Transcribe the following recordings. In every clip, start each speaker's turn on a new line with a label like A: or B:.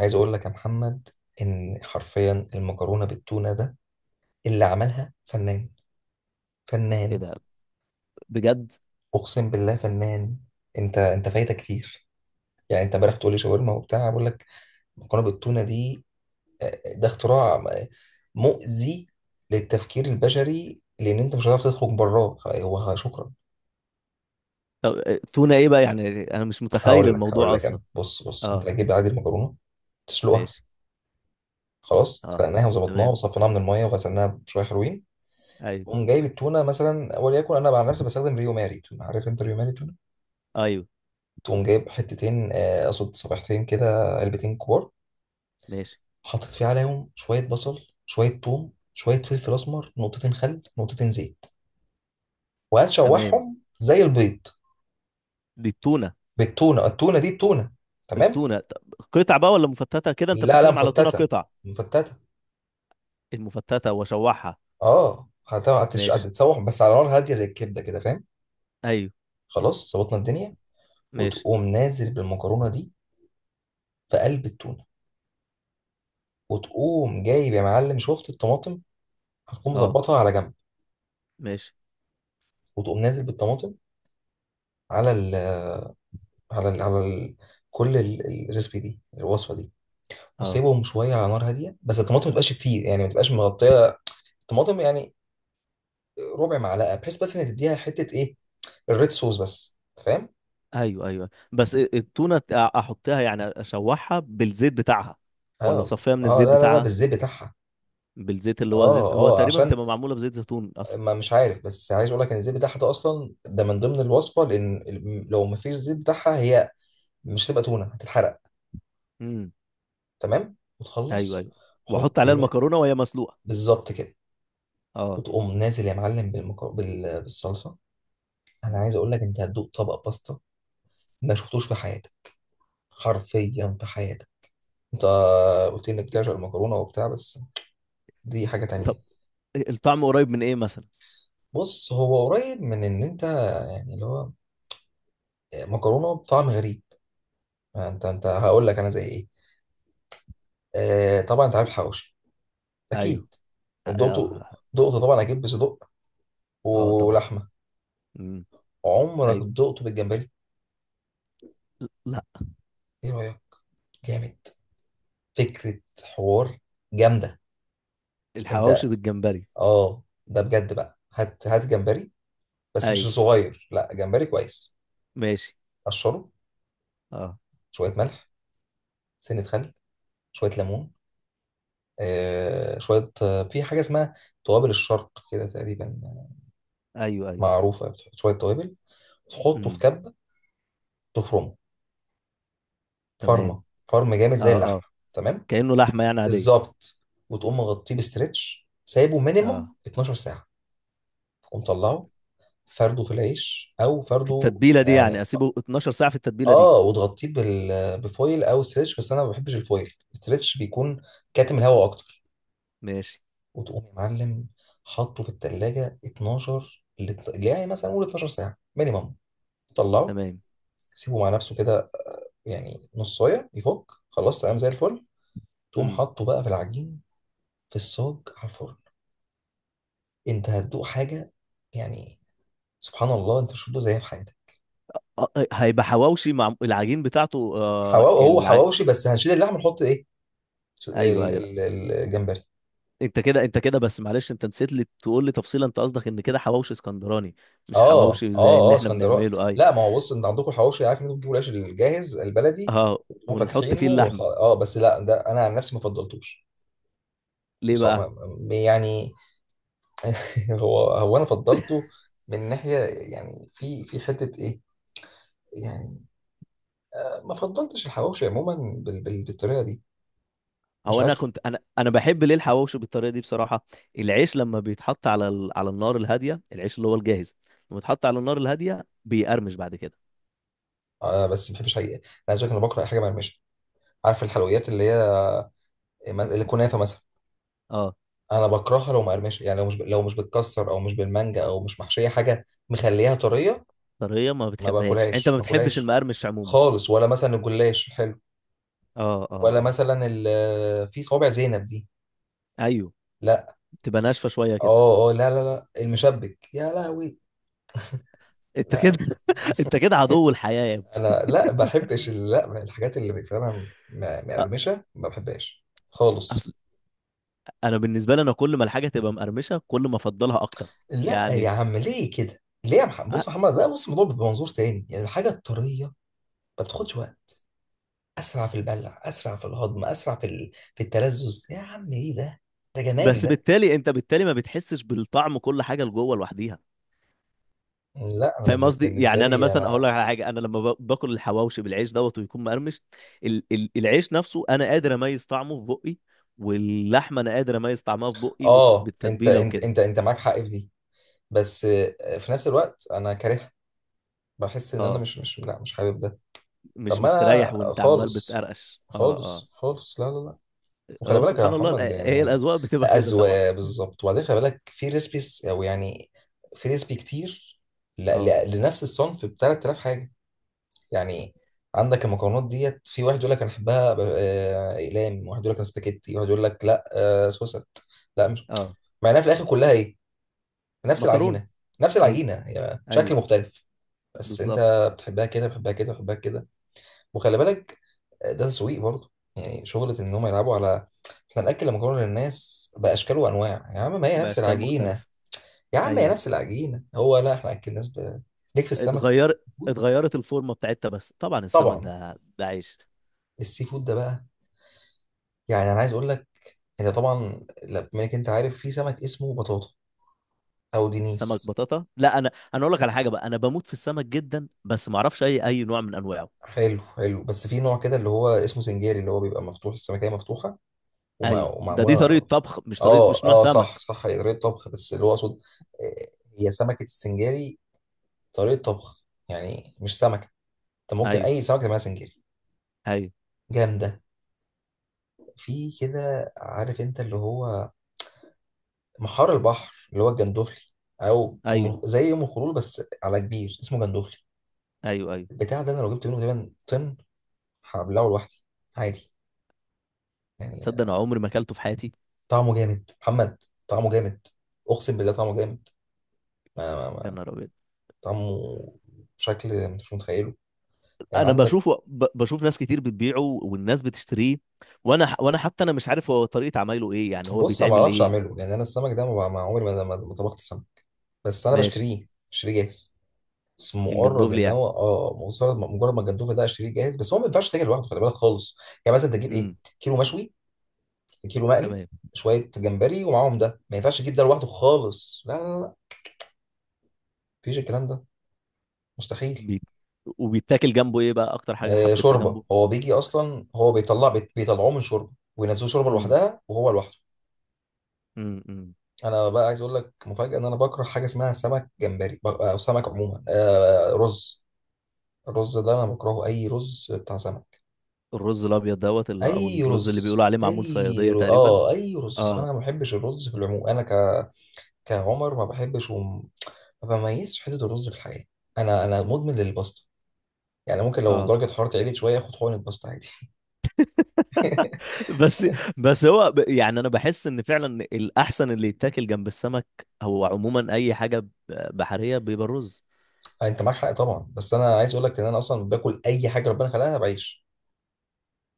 A: عايز اقول لك يا محمد ان حرفيا المكرونه بالتونه ده اللي عملها فنان،
B: ايه
A: فنان،
B: ده؟ بجد؟
A: اقسم بالله فنان. انت فايتك كتير. يعني انت امبارح بتقول لي شاورما وبتاع، بقول لك المكرونه بالتونه دي، ده اختراع، مؤذي للتفكير البشري، لان انت مش هتعرف تخرج براه. هو شكرا.
B: طب، تونة ايه بقى؟ يعني انا مش متخيل
A: هقول لك هقول
B: الموضوع
A: لك انا،
B: اصلا.
A: بص بص، انت
B: اه.
A: هتجيب عادي المكرونه، تسلقها.
B: ماشي.
A: خلاص،
B: اه.
A: سلقناها وظبطناها
B: تمام.
A: وصفيناها من الميه وغسلناها بشويه حلوين.
B: ايوه،
A: تقوم جايب التونه، مثلا وليكن انا عن نفسي بستخدم ريو ماري تونه. عارف انت ريو ماري تونه.
B: ايوه.
A: تقوم جايب حتتين، اقصد صفيحتين كده، علبتين كبار.
B: ماشي.
A: حاطط فيه عليهم شويه بصل، شويه ثوم، شويه فلفل اسمر، نقطتين خل، نقطتين زيت،
B: تمام.
A: وهتشوحهم زي البيض.
B: دي التونة؟
A: بالتونه، التونه دي، التونه. تمام.
B: التونة طب قطع بقى ولا مفتتة كده؟ انت
A: لا لا،
B: بتتكلم على تونة
A: مفتته،
B: قطع؟
A: مفتته.
B: المفتتة واشوحها.
A: اه،
B: ماشي.
A: هتتشوح بس على نار هاديه زي الكبده كده، فاهم.
B: ايوه.
A: خلاص، ظبطنا الدنيا.
B: ماشي.
A: وتقوم نازل بالمكرونه دي في قلب التونه. وتقوم جايب يا معلم، شفت الطماطم، هتقوم
B: اه.
A: مظبطها على جنب.
B: ماشي.
A: وتقوم نازل بالطماطم على على ال على ال الريسبي دي، الوصفه دي.
B: اه.
A: وسيبهم شويه على نار هاديه، بس الطماطم ما تبقاش كتير، يعني ما تبقاش مغطيه الطماطم، يعني ربع معلقه، بحيث بس ان تديها حته ايه، الريد صوص بس، أنت فاهم.
B: ايوه، ايوه، بس التونة احطها يعني اشوحها بالزيت بتاعها، ولا
A: اه
B: اصفيها من
A: اه،
B: الزيت
A: لا لا لا،
B: بتاعها؟
A: بالزيت بتاعها.
B: بالزيت اللي هو
A: اه
B: زيت، هو
A: اه،
B: تقريبا
A: عشان
B: بتبقى معمولة بزيت زيتون اصلا.
A: ما مش عارف، بس عايز اقول لك ان الزيت بتاعها ده اصلا، ده من ضمن الوصفه، لان لو ما فيش زيت بتاعها هي، مش هتبقى تونه، هتتحرق.
B: امم.
A: تمام،
B: ايوه،
A: وتخلص.
B: ايوه، واحط
A: حط
B: عليها
A: هي،
B: المكرونه وهي مسلوقه.
A: بالظبط كده.
B: اه.
A: وتقوم نازل يا معلم بالصلصه. انا
B: مم.
A: عايز اقول لك، انت هتدوق طبق باستا ما شفتوش في حياتك، حرفيا في حياتك. انت قلت لي انك بتعشق
B: إت-
A: المكرونه وبتاع، بس دي حاجه تانية.
B: طب الطعم قريب من ايه مثلا؟
A: بص، هو قريب من ان انت، يعني اللي هو مكرونه بطعم غريب. انت هقول لك انا زي ايه. طبعا انت عارف الحواوشي.
B: ايوه.
A: اكيد،
B: اه،
A: دقته،
B: اه.
A: دقته طبعا اكيد بصدق،
B: طبعا.
A: ولحمه.
B: مم.
A: عمرك
B: ايوه.
A: دقته بالجمبري؟
B: لا.
A: ايه رايك؟ جامد. فكرة حوار جامدة،
B: الحواوشي
A: انت.
B: بالجمبري؟
A: اه، ده بجد بقى، هات هات جمبري، بس مش
B: ايوه.
A: صغير، لا جمبري كويس.
B: ماشي.
A: قشره،
B: اه.
A: شوية ملح، سنة خل، شوية ليمون، آه شوية آه، في حاجة اسمها توابل الشرق كده تقريبا،
B: ايوه، ايوه.
A: معروفة، بتحط شوية توابل. تحطه في
B: مم.
A: كبة، تفرمه
B: تمام.
A: فرمة، فرم جامد زي
B: اه، اه.
A: اللحمة. تمام،
B: كانه لحمه يعني عاديه.
A: بالظبط. وتقوم مغطيه بستريتش، سايبه مينيمم
B: اه،
A: 12 ساعة. تقوم طلعه، فرده في العيش او
B: في
A: فرده
B: التتبيله دي يعني
A: يعني.
B: اسيبه 12 ساعه في التتبيله دي؟
A: اه، وتغطيه بفويل او ستريتش، بس انا ما بحبش الفويل، الستريتش بيكون كاتم الهواء اكتر.
B: ماشي.
A: وتقوم يا معلم حاطه في التلاجة 12، اللي يعني مثلا قول 12 ساعه مينيمم. طلعه،
B: تمام.
A: سيبه مع نفسه كده، يعني نصايه يفك. خلاص، تمام زي الفل. تقوم
B: مم.
A: حاطه بقى في العجين، في الصاج، على الفرن. انت هتدوق حاجه، يعني سبحان الله، انت مش هتدوق زيها في حياتك.
B: هيبقى حواوشي مع العجين بتاعته آه،
A: هو حواوشي، بس هنشيل اللحم، نحط ايه،
B: ايوه،
A: ال-
B: ايوه.
A: الجمبري.
B: انت كده، انت كده، بس معلش انت نسيت لي تقول لي تفصيلة. انت قصدك ان كده حواوشي اسكندراني مش
A: اه اه
B: حواوشي زي اللي
A: اه،
B: احنا
A: اسكندراني.
B: بنعمله اي؟
A: لا، ما هو بص، انت عندكم الحواوشي، عارف ان انتوا بتجيبوا العيش الجاهز البلدي
B: اه، ونحط فيه
A: وفاتحينه وخ...
B: اللحمة.
A: اه بس لا، ده انا عن نفسي ما فضلتوش.
B: ليه بقى؟
A: بصراحه، يعني هو انا فضلته من ناحيه، يعني في حته ايه يعني. ما فضلتش الحواوشي عموما بالطريقه دي، مش
B: هو انا
A: عارف.
B: كنت، انا بحب ليه الحواوشي بالطريقة دي بصراحة. العيش لما بيتحط على النار الهادية، العيش اللي هو الجاهز، لما يتحط على النار الهادية بيقرمش بعد كده.
A: بس ما بحبش حقيقه. انا عايز أقول لك، انا بكره اي حاجه مقرمشه. عارف الحلويات اللي هي الكنافه مثلا،
B: اه.
A: انا بكرهها لو مقرمشه. يعني لو مش لو مش بتكسر، او مش بالمانجا، او مش محشيه حاجه مخليها طريه،
B: طريقة ما
A: ما
B: بتحبهاش، انت ما
A: باكلهاش، ما
B: بتحبش
A: باكلهاش
B: المقرمش عموما؟
A: خالص. ولا مثلا الجلاش الحلو،
B: اه، اه،
A: ولا
B: اه.
A: مثلا في صوابع زينب دي،
B: ايوه،
A: لا.
B: تبقى ناشفة شوية كده.
A: اه اه، لا لا لا، المشبك، يا لهوي،
B: انت
A: لا.
B: كده انت كده عدو الحياة يا
A: انا لا بحبش، ال- لا، الحاجات اللي فعلا م- مقرمشه ما بحبهاش خالص.
B: ابني. انا بالنسبه لي، انا كل ما الحاجه تبقى مقرمشه كل ما افضلها اكتر.
A: لا يا
B: يعني
A: عم، ليه كده، ليه يا محمد؟ بص يا
B: أ-
A: محمد، لا بص، الموضوع بمنظور تاني. يعني الحاجه الطريه ما بتاخدش وقت، اسرع في البلع، اسرع في الهضم، اسرع في التلذذ. يا عم ايه ده جمال
B: بس
A: ده.
B: بالتالي انت، بالتالي ما بتحسش بالطعم، كل حاجه لجوه لوحديها.
A: لا انا
B: فاهم قصدي
A: بالنسبه
B: يعني؟ انا
A: لي
B: مثلا اقول
A: انا،
B: لك على حاجه، انا لما باكل الحواوشي بالعيش دوت ويكون مقرمش، ال ال العيش نفسه انا قادر اميز طعمه في بقي، واللحمه انا قادر اميز طعمها في بقي
A: اه، انت
B: بالتتبيله
A: انت
B: وكده.
A: انت انت معاك حق في دي، بس في نفس الوقت انا كارهها. بحس ان انا
B: اه،
A: مش حابب ده. طب
B: مش
A: ما
B: مستريح
A: انا
B: وانت عمال
A: خالص،
B: بتقرقش. اه، اه.
A: خالص خالص، لا لا لا. وخلي
B: هو
A: بالك يا
B: سبحان الله
A: محمد
B: هي
A: يعني،
B: الاذواق بتبقى كده طبعا.
A: اذواق، بالظبط. وبعدين خلي بالك، في ريسبيس او يعني في ريسبي كتير
B: اه،
A: لنفس الصنف، ب 3000 حاجه يعني. عندك المكرونات ديت، في واحد يقول لك انا احبها اقلام، واحد يقول لك انا سباكيتي، واحد يقول لك لا، سوست، لا مش.
B: اه.
A: مع انها في الاخر كلها ايه، نفس
B: مكرونه.
A: العجينه، نفس
B: ايوه،
A: العجينه، هي
B: ايوه.
A: شكل مختلف، بس انت
B: بالظبط.
A: بتحبها كده، بتحبها كده، بتحبها كده. وخلي بالك، ده تسويق برضه، يعني شغله ان هم يلعبوا على، احنا ناكل المكرونه للناس باشكال وانواع. يا عم ما هي نفس
B: بأشكال
A: العجينه،
B: مختلفة.
A: يا عم هي
B: أيوه.
A: نفس العجينه. هو لا احنا اكل الناس ليك في السمك
B: اتغير
A: فود؟
B: اتغيرت الفورمة بتاعتها. بس طبعا السمك
A: طبعا،
B: ده عيش.
A: السي فود ده بقى، يعني انا عايز اقول لك، انت طبعا لا، بما انك انت عارف في سمك اسمه بطاطا او
B: سمك
A: دينيس.
B: بطاطا؟ لا، أنا أقول لك على حاجة بقى، أنا بموت في السمك جدا بس ما أعرفش أي نوع من أنواعه.
A: حلو حلو، بس في نوع كده اللي هو اسمه سنجاري، اللي هو بيبقى مفتوح، السمكية مفتوحة
B: أيوه، ده
A: ومعموله.
B: دي طريقة طبخ، مش طريقة،
A: اه
B: مش نوع
A: اه،
B: سمك.
A: صح صح، هي طريقه طبخ، بس اللي هو اقصد، آه، هي سمكه السنجاري طريقه طبخ يعني، مش سمكه. انت ممكن
B: أيوه،
A: اي سمكه تعملها سنجاري.
B: أيوه.
A: جامده. في كده، عارف انت اللي هو محار البحر، اللي هو الجندوفلي، او
B: أيوه،
A: زي ام الخلول بس على كبير، اسمه جندوفلي.
B: أيوه، أيوه.
A: البتاع ده انا لو جبت منه تقريبا طن، هبلعه لوحدي عادي
B: تصدق أنا
A: يعني.
B: عمري ما أكلته في حياتي.
A: طعمه جامد محمد، طعمه جامد، اقسم بالله طعمه جامد. ما ما
B: يا
A: ما
B: نهار أبيض!
A: طعمه بشكل مش متخيله. يعني
B: أنا
A: عندك،
B: بشوفه بشوف ناس كتير بتبيعه والناس بتشتريه، وأنا حتى أنا مش عارف هو طريقة عمايله إيه، يعني هو
A: بص، انا ما
B: بيتعمل
A: اعرفش
B: إيه؟
A: اعمله، يعني انا السمك ده ما ما عمري ما طبخت سمك، بس انا
B: ماشي.
A: بشتريه جاهز. بس مجرد
B: الجندوفلي
A: ان
B: يعني؟
A: هو، اه مجرد مجرد ما الجندوفلي ده اشتريه جاهز، بس هو ما ينفعش تاكل لوحده، خلي بالك خالص. يعني مثلا تجيب ايه،
B: امم.
A: كيلو مشوي، كيلو مقلي،
B: تمام.
A: شويه جمبري، ومعاهم ده، ما ينفعش تجيب ده لوحده خالص، لا لا لا، مفيش الكلام ده، مستحيل.
B: بيت... وبيتاكل جنبه ايه بقى؟ اكتر حاجه حبيتها
A: شوربه،
B: جنبه.
A: هو بيجي اصلا، هو بيطلع، بيطلعوه من شوربه، وينزلوه شوربه
B: امم.
A: لوحدها، وهو لوحده.
B: امم.
A: انا بقى عايز اقول لك مفاجاه، ان انا بكره حاجه اسمها سمك جمبري، او سمك عموما، رز. الرز ده انا بكرهه، اي رز بتاع سمك،
B: الرز الابيض دوت اللي، او
A: اي
B: الرز اللي
A: رز،
B: بيقولوا عليه معمول
A: اي
B: صياديه
A: رز.
B: تقريبا.
A: اه اي رز،
B: اه،
A: انا ما بحبش الرز في العموم. انا كعمر ما بحبش ما بميزش حته الرز في الحياه. انا مدمن للباستا، يعني ممكن لو
B: اه.
A: درجه حرارتي عليت شويه اخد حقنه باستا عادي.
B: بس بس هو يعني انا بحس ان فعلا الاحسن اللي يتاكل جنب السمك او عموما اي حاجه بحريه بيبقى الرز.
A: انت معاك حق طبعا، بس انا عايز اقول لك، ان انا اصلا باكل اي حاجه ربنا خلقها بعيش.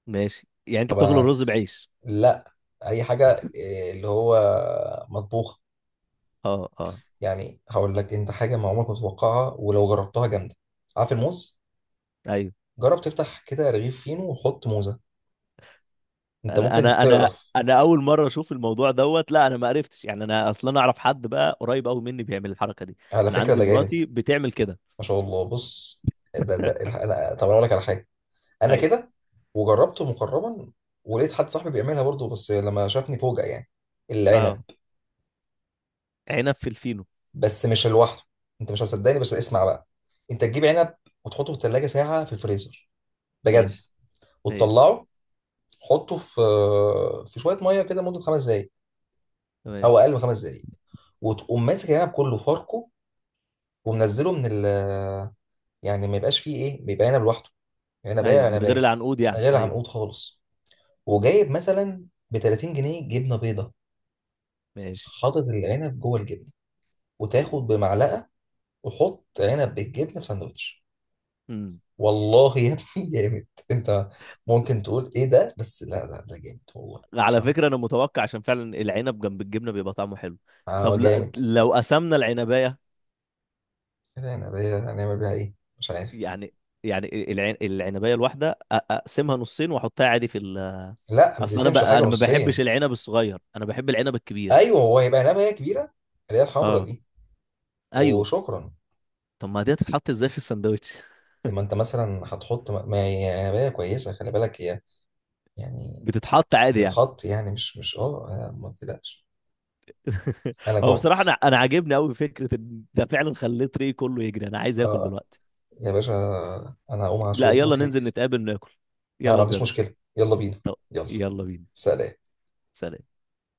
B: ماشي، يعني انت
A: طب
B: بتاكل الرز بعيش؟
A: لا، اي حاجه، اللي هو مطبوخه.
B: اه، اه.
A: يعني هقول لك انت حاجه ما عمرك ما تتوقعها، ولو جربتها جامده. عارف الموز،
B: ايوه.
A: جرب تفتح كده رغيف فينو وحط موزه، انت
B: انا
A: ممكن
B: انا انا
A: تقرف.
B: انا اول مره اشوف الموضوع دوت، لا انا ما عرفتش، يعني انا اصلا اعرف حد بقى قريب قوي مني بيعمل الحركه دي.
A: على
B: انا
A: فكره
B: عندي
A: ده جامد.
B: مراتي بتعمل كده.
A: ما شاء الله. بص، ده انا، طب انا اقول لك على حاجه، انا
B: ايوه.
A: كده وجربته مقربا، ولقيت حد صاحبي بيعملها برضه، بس لما شافني فوجئ. يعني العنب،
B: اه، عنب في الفينو؟
A: بس مش لوحده، انت مش هتصدقني، بس اسمع بقى. انت تجيب عنب، وتحطه في الثلاجه ساعه في الفريزر، بجد،
B: ماشي. ماشي.
A: وتطلعه، حطه في شويه ميه كده مده خمس دقائق،
B: تمام.
A: او اقل من خمس دقائق. وتقوم ماسك العنب كله فاركه، ومنزله من ال يعني ما يبقاش فيه ايه، بيبقى عنب لوحده، عنبايه،
B: ايوه، من غير
A: عنبايه،
B: العنقود
A: من
B: يعني؟
A: غير
B: ايوه.
A: عنقود خالص. وجايب مثلا ب 30 جنيه جبنه بيضه،
B: ماشي.
A: حاطط العنب جوه الجبنه، وتاخد
B: و-
A: بمعلقه، وحط عنب بالجبنه في ساندوتش.
B: مم.
A: والله يا ابني، جامد. انت ممكن تقول ايه ده، بس لا لا، ده جامد والله،
B: على
A: اسمع.
B: فكرة انا متوقع، عشان فعلا العنب جنب الجبنة بيبقى طعمه حلو.
A: اه
B: طب لا،
A: جامد.
B: لو قسمنا العنباية؟
A: العنبايه هنعمل بيها ايه، مش عارف.
B: يعني يعني العنباية الواحدة، اقسمها نصين واحطها عادي في ال.
A: لا ما
B: اصل انا
A: تقسمش حاجه
B: انا ما
A: نصين.
B: بحبش العنب الصغير، انا بحب العنب الكبير.
A: ايوه، هو هيبقى نبايه كبيره، اللي هي الحمرا
B: اه.
A: دي.
B: ايوه.
A: وشكرا.
B: طب ما دي هتتحط ازاي في الساندوتش؟
A: لما انت مثلا هتحط، ما هي نبايه كويسه، خلي بالك هي يعني،
B: بتتحط عادي يعني؟
A: بتتحط يعني، مش مش اه أنا ما تقلقش. انا
B: هو
A: جعت.
B: بصراحة أنا عاجبني أوي فكرة إن ده، فعلا خليت ريه كله يجري، أنا عايز آكل
A: اه
B: دلوقتي.
A: يا باشا، انا هقوم عشان
B: لا يلا
A: اظبط لي.
B: ننزل نتقابل ناكل.
A: انا ما
B: يلا
A: عنديش
B: بجد.
A: مشكله، يلا بينا،
B: طب
A: يلا،
B: يلا بينا.
A: سلام.
B: سلام.